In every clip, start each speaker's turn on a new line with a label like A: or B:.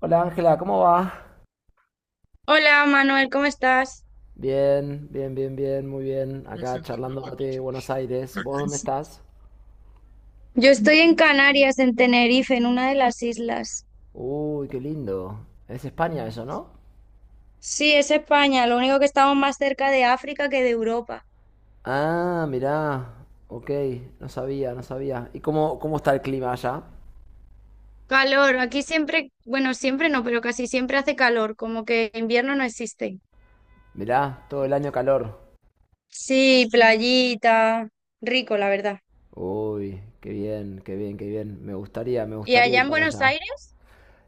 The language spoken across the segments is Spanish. A: Hola Ángela, ¿cómo va?
B: Hola Manuel, ¿cómo estás?
A: Bien, muy bien. Acá charlando de Buenos Aires. ¿Vos dónde estás?
B: Yo estoy en Canarias, en Tenerife, en una de las islas.
A: Uy, qué lindo. Es España eso, ¿no?
B: Sí, es España, lo único que estamos más cerca de África que de Europa.
A: Ah, mirá. Ok, no sabía. ¿Y cómo está el clima allá?
B: Calor, aquí siempre, bueno, siempre no, pero casi siempre hace calor, como que invierno no existe.
A: Mirá, todo el año calor.
B: Sí, playita, rico, la verdad.
A: Uy, qué bien. Me gustaría, me
B: ¿Y
A: gustaría
B: allá
A: ir
B: en
A: para
B: Buenos
A: allá.
B: Aires?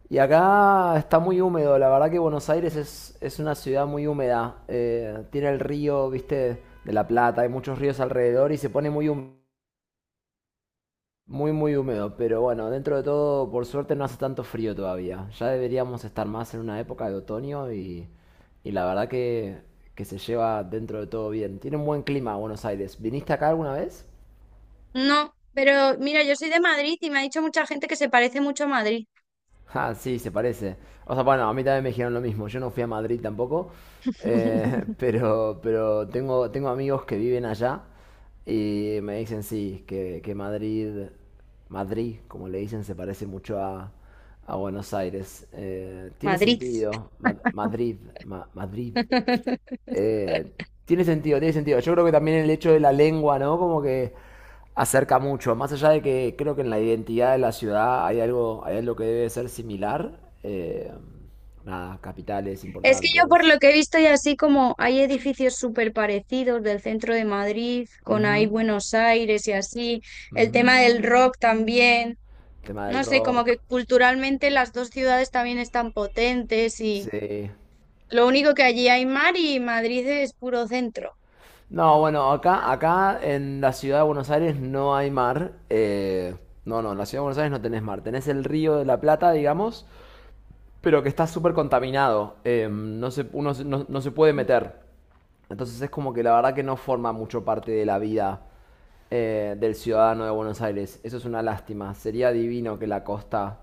A: Y acá está muy húmedo, la verdad que Buenos Aires es una ciudad muy húmeda. Tiene el río, viste, de La Plata, hay muchos ríos alrededor y se pone muy húmedo. Pero bueno, dentro de todo, por suerte no hace tanto frío todavía. Ya deberíamos estar más en una época de otoño y la verdad que se lleva dentro de todo bien. Tiene un buen clima Buenos Aires. ¿Viniste acá alguna vez?
B: No, pero mira, yo soy de Madrid y me ha dicho mucha gente que se parece mucho a Madrid.
A: Ah, sí, se parece. O sea, bueno, a mí también me dijeron lo mismo. Yo no fui a Madrid tampoco, pero tengo amigos que viven allá y me dicen sí, que Madrid, Madrid, como le dicen, se parece mucho a Buenos Aires. Tiene
B: Madrid.
A: sentido. Madrid. Eh, tiene sentido. Yo creo que también el hecho de la lengua, ¿no? Como que acerca mucho. Más allá de que creo que en la identidad de la ciudad hay algo que debe ser similar. Nada, capitales
B: Es que yo por lo
A: importantes.
B: que he visto y así como hay edificios súper parecidos del centro de Madrid, con ahí
A: Ujú,
B: Buenos Aires y así, el
A: ujú.
B: tema del rock también,
A: Tema del
B: no sé, como
A: rock.
B: que culturalmente las dos ciudades también están potentes y
A: Sí.
B: lo único que allí hay mar y Madrid es puro centro.
A: No, bueno, acá en la ciudad de Buenos Aires no hay mar. No, en la ciudad de Buenos Aires no tenés mar. Tenés el río de la Plata, digamos, pero que está súper contaminado. No se, uno no se puede meter. Entonces es como que la verdad que no forma mucho parte de la vida del ciudadano de Buenos Aires. Eso es una lástima. Sería divino que la costa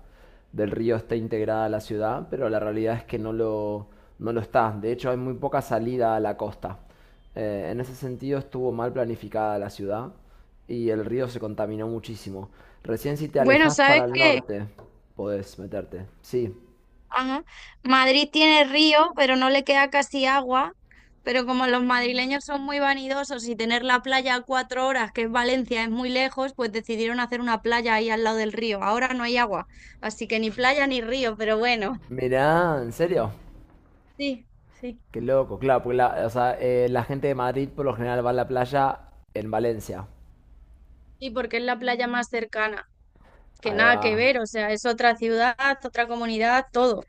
A: del río esté integrada a la ciudad, pero la realidad es que no lo está. De hecho, hay muy poca salida a la costa. En ese sentido estuvo mal planificada la ciudad y el río se contaminó muchísimo. Recién si te
B: Bueno,
A: alejas para
B: ¿sabes
A: el
B: qué?
A: norte podés meterte. Sí,
B: Ajá. Madrid tiene río, pero no le queda casi agua. Pero como los madrileños son muy vanidosos y tener la playa a cuatro horas, que es Valencia, es muy lejos, pues decidieron hacer una playa ahí al lado del río. Ahora no hay agua, así que ni playa ni río, pero bueno.
A: mirá, ¿en serio?
B: Sí, sí.
A: Qué loco, claro, porque la gente de Madrid por lo general va a la playa en Valencia.
B: Sí, porque es la playa más cercana, que
A: Ahí
B: nada
A: va,
B: que ver, o sea, es otra ciudad, otra comunidad, todo.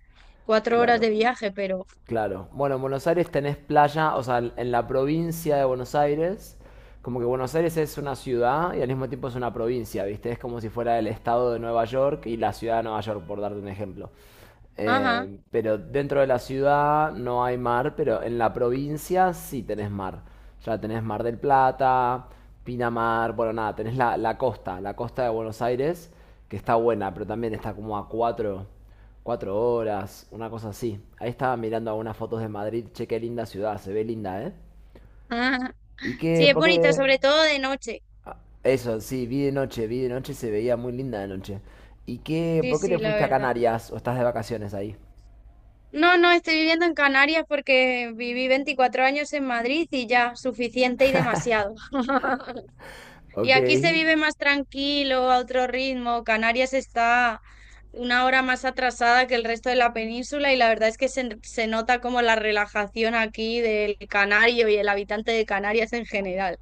B: 4 horas
A: claro.
B: de viaje, pero...
A: Claro. Bueno, en Buenos Aires tenés playa, o sea, en la provincia de Buenos Aires, como que Buenos Aires es una ciudad y al mismo tiempo es una provincia, ¿viste? Es como si fuera el estado de Nueva York y la ciudad de Nueva York, por darte un ejemplo.
B: Ajá.
A: Pero dentro de la ciudad no hay mar, pero en la provincia sí tenés mar. Ya tenés Mar del Plata, Pinamar, bueno, nada, tenés la costa de Buenos Aires, que está buena, pero también está como a cuatro cuatro horas, una cosa así. Ahí estaba mirando algunas fotos de Madrid. Che, qué linda ciudad, se ve linda, ¿eh?
B: Ajá.
A: ¿Y qué?
B: Sí, es
A: ¿Por
B: bonita,
A: qué?
B: sobre todo de noche.
A: Eso, sí, vi de noche, se veía muy linda de noche. ¿Y qué?
B: Sí,
A: ¿Por qué
B: sí,
A: te
B: la
A: fuiste a
B: verdad.
A: Canarias o estás de vacaciones ahí?
B: No, no, estoy viviendo en Canarias porque viví 24 años en Madrid y ya, suficiente y demasiado. Y
A: Ok.
B: aquí se vive más tranquilo, a otro ritmo. Canarias está una hora más atrasada que el resto de la península y la verdad es que se nota como la relajación aquí del canario y el habitante de Canarias en general.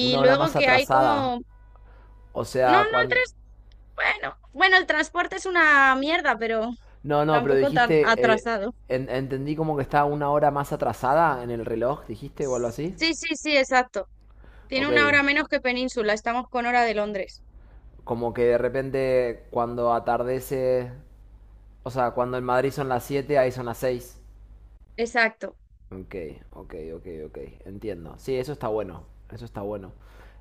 A: Una hora
B: luego
A: más
B: que hay
A: atrasada.
B: como...
A: O
B: No,
A: sea,
B: no,
A: cuando...
B: tres... Bueno, bueno, el transporte es una mierda, pero
A: No, no, pero
B: tampoco tan
A: dijiste...
B: atrasado.
A: entendí como que estaba una hora más atrasada en el reloj, dijiste, o algo así.
B: Sí, sí, sí, exacto. Tiene
A: Ok.
B: una hora menos que Península, estamos con hora de Londres.
A: Como que de repente cuando atardece... O sea, cuando en Madrid son las 7 ahí son las 6.
B: Exacto.
A: Ok, ok. Entiendo. Sí, eso está bueno. Eso está bueno.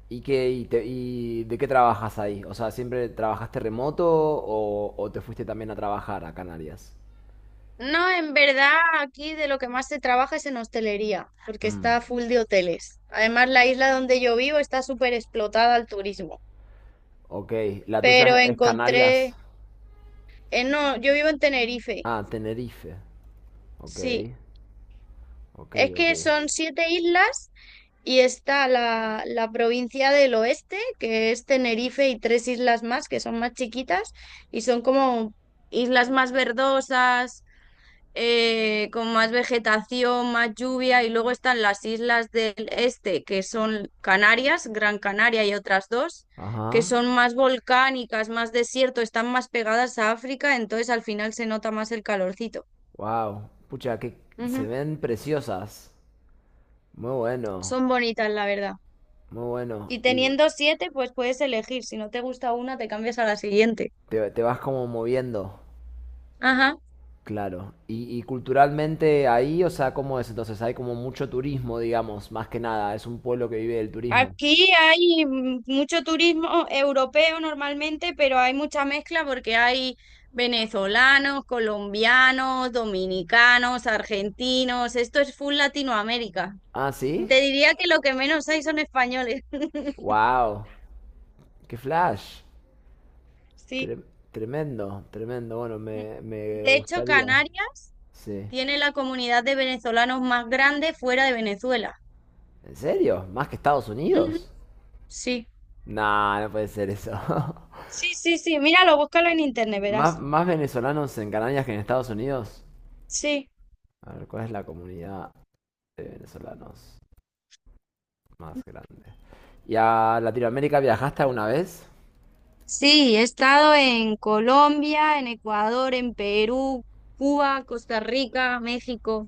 A: ¿Y de qué trabajas ahí? O sea, ¿siempre trabajaste remoto o te fuiste también a trabajar a Canarias?
B: No, en verdad, aquí de lo que más se trabaja es en hostelería, porque
A: Mm,
B: está full de hoteles. Además, la isla donde yo vivo está súper explotada al turismo.
A: ok. ¿La
B: Pero
A: tuya es Canarias?
B: encontré, no, yo vivo en Tenerife,
A: Ah, Tenerife. Ok,
B: sí.
A: ok,
B: Es
A: ok.
B: que son siete islas y está la provincia del oeste, que es Tenerife y tres islas más, que son más chiquitas y son como islas más verdosas con más vegetación, más lluvia, y luego están las islas del este, que son Canarias, Gran Canaria y otras dos, que
A: Ajá.
B: son más volcánicas, más desierto, están más pegadas a África, entonces al final se nota más el calorcito.
A: Wow. Pucha, que
B: Ujú.
A: se ven preciosas. Muy bueno,
B: Son bonitas, la verdad.
A: muy bueno.
B: Y
A: Y
B: teniendo siete, pues puedes elegir. Si no te gusta una, te cambias a la siguiente.
A: te vas como moviendo.
B: Ajá.
A: Claro, y culturalmente ahí, o sea, ¿cómo es entonces? Hay como mucho turismo, digamos, más que nada, es un pueblo que vive del turismo.
B: Aquí hay mucho turismo europeo normalmente, pero hay mucha mezcla porque hay venezolanos, colombianos, dominicanos, argentinos. Esto es full Latinoamérica.
A: Ah, ¿sí?
B: Te diría que lo que menos hay son españoles.
A: ¡Wow! ¡Qué flash!
B: Sí.
A: Tre- tremendo, bueno, me
B: De hecho,
A: gustaría.
B: Canarias
A: Sí.
B: tiene la comunidad de venezolanos más grande fuera de Venezuela.
A: ¿En serio? ¿Más que Estados
B: Ujú.
A: Unidos?
B: Sí.
A: No, no puede ser eso.
B: Sí, sí, sí. Míralo, búscalo en internet,
A: ¿Más,
B: verás.
A: más venezolanos en Canarias que en Estados Unidos?
B: Sí.
A: A ver, ¿cuál es la comunidad de venezolanos más grande? ¿Y a Latinoamérica viajaste alguna vez?
B: Sí, he estado en Colombia, en Ecuador, en Perú, Cuba, Costa Rica, México.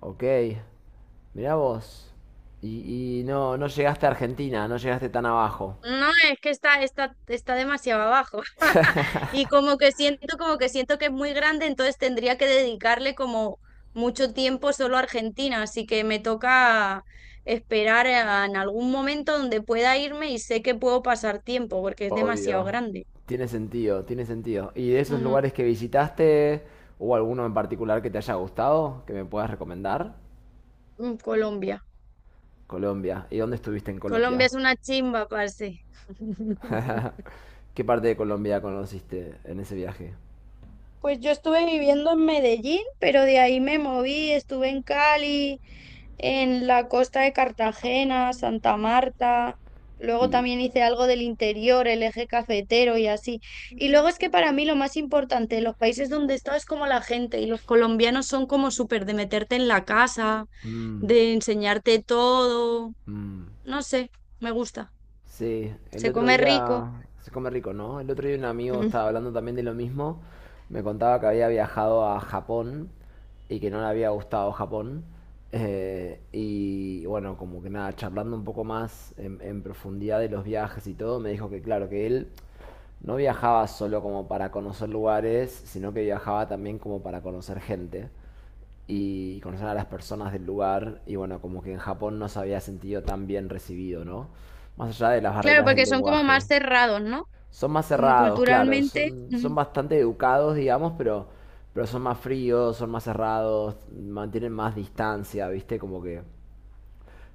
A: Ok, mirá vos. Y, y no llegaste a Argentina, no llegaste tan abajo.
B: No, es que está demasiado abajo. Y como que siento que es muy grande, entonces tendría que dedicarle como mucho tiempo solo a Argentina. Así que me toca esperar en algún momento donde pueda irme y sé que puedo pasar tiempo porque es demasiado
A: Obvio.
B: grande.
A: Tiene sentido, tiene sentido. ¿Y de esos
B: Ujú.
A: lugares que visitaste, hubo alguno en particular que te haya gustado, que me puedas recomendar?
B: Mm, Colombia.
A: Colombia. ¿Y dónde estuviste en
B: Colombia
A: Colombia?
B: es una chimba, parce.
A: ¿Qué parte de Colombia conociste en ese viaje?
B: Pues yo estuve viviendo en Medellín, pero de ahí me moví, estuve en Cali, en la costa de Cartagena, Santa Marta, luego
A: Y...
B: también hice algo del interior, el eje cafetero y así. Y luego es que para mí lo más importante, los países donde he estado es como la gente, y los colombianos son como súper de meterte en la casa,
A: mm,
B: de enseñarte todo,
A: mm.
B: no sé, me gusta,
A: Sí, el
B: se
A: otro
B: come rico.
A: día se come rico, ¿no? El otro día un amigo
B: Ujú.
A: estaba hablando también de lo mismo. Me contaba que había viajado a Japón y que no le había gustado Japón. Y bueno, como que nada, charlando un poco más en profundidad de los viajes y todo, me dijo que claro, que él no viajaba solo como para conocer lugares, sino que viajaba también como para conocer gente y conocer a las personas del lugar. Y bueno, como que en Japón no se había sentido tan bien recibido, ¿no? Más allá de las
B: Claro,
A: barreras del
B: porque son como
A: lenguaje.
B: más cerrados, ¿no?
A: Son más
B: Como
A: cerrados, claro,
B: culturalmente.
A: son
B: Ujú,
A: bastante educados, digamos, pero son más fríos, son más cerrados, mantienen más distancia, ¿viste? Como que,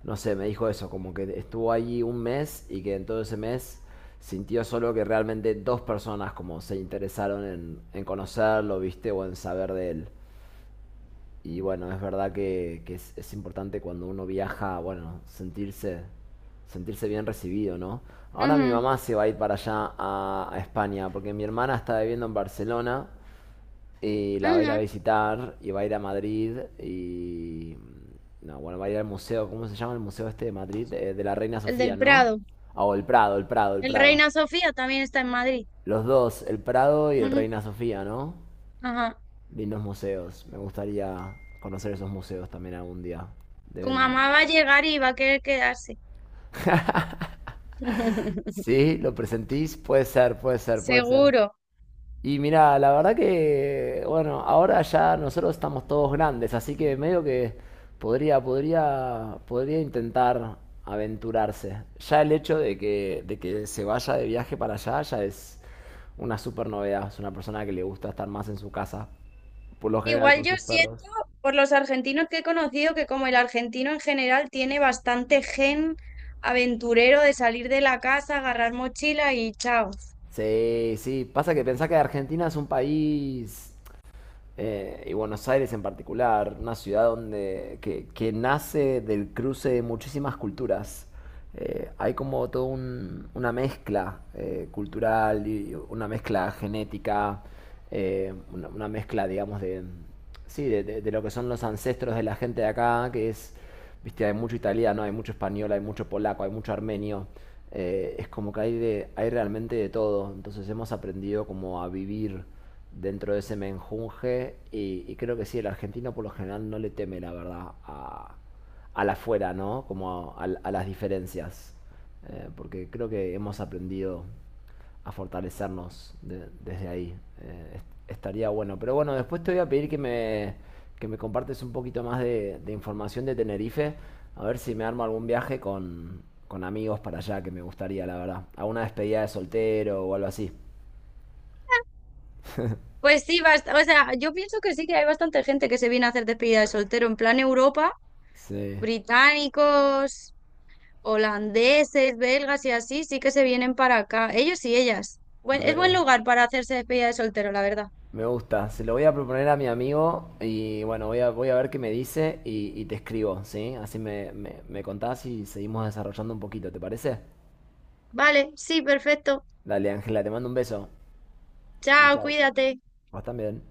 A: no sé, me dijo eso, como que estuvo allí un mes y que en todo ese mes sintió solo que realmente dos personas como se interesaron en conocerlo, ¿viste? O en saber de él. Y bueno, es verdad que es importante cuando uno viaja, bueno, sentirse bien recibido, ¿no? Ahora mi
B: ujú.
A: mamá se va a ir para allá a España, porque mi hermana está viviendo en Barcelona y la va a ir a
B: Ajá,
A: visitar y va a ir a Madrid y... No, bueno, va a ir al museo, ¿cómo se llama el museo este de Madrid? De la Reina
B: el
A: Sofía,
B: del
A: ¿no?
B: Prado.
A: Ah, o el Prado, el Prado, el
B: El
A: Prado.
B: Reina Sofía también está en Madrid.
A: Los dos, el Prado y el
B: Ujú.
A: Reina Sofía, ¿no?
B: Ajá.
A: Lindos museos. Me gustaría conocer esos museos también algún día.
B: Tu
A: Deben.
B: mamá va a llegar y va a querer quedarse.
A: Sí, lo presentís. Puede ser.
B: Seguro.
A: Y mira, la verdad que, bueno, ahora ya nosotros estamos todos grandes, así que medio que podría intentar aventurarse. Ya el hecho de que se vaya de viaje para allá ya es una super novedad. Es una persona que le gusta estar más en su casa, por lo general
B: Igual
A: con
B: yo
A: sus
B: siento
A: perros.
B: por los argentinos que he conocido que como el argentino en general tiene bastante gen aventurero de salir de la casa, agarrar mochila y chao.
A: Sí, sí, pasa que pensá que Argentina es un país, y Buenos Aires en particular, una ciudad que nace del cruce de muchísimas culturas. Hay como toda una mezcla cultural, y una mezcla genética, una mezcla, digamos, de, sí, de lo que son los ancestros de la gente de acá, que es viste, hay mucho italiano, hay mucho español, hay mucho polaco, hay mucho armenio. Es como que hay realmente de todo. Entonces hemos aprendido como a vivir dentro de ese menjunje y creo que sí, el argentino por lo general no le teme, la verdad, a la fuera, ¿no? Como a las diferencias. Porque creo que hemos aprendido a fortalecernos desde ahí. Estaría bueno. Pero bueno, después te voy a pedir que me compartes un poquito más de información de Tenerife, a ver si me armo algún viaje con amigos para allá, que me gustaría, la verdad. A una despedida de soltero o algo así.
B: Pues sí, o sea, yo pienso que sí que hay bastante gente que se viene a hacer despedida de soltero en plan Europa,
A: Sí,
B: británicos, holandeses, belgas y así, sí que se vienen para acá. Ellos y ellas. Es buen
A: re.
B: lugar para hacerse despedida de soltero, la verdad.
A: Me gusta. Se lo voy a proponer a mi amigo y bueno, voy a ver qué me dice y te escribo, ¿sí? Así me contás y seguimos desarrollando un poquito, ¿te parece?
B: Vale, sí, perfecto.
A: Dale, Ángela, te mando un beso. Chao,
B: Chao,
A: chao.
B: cuídate.
A: Vos también.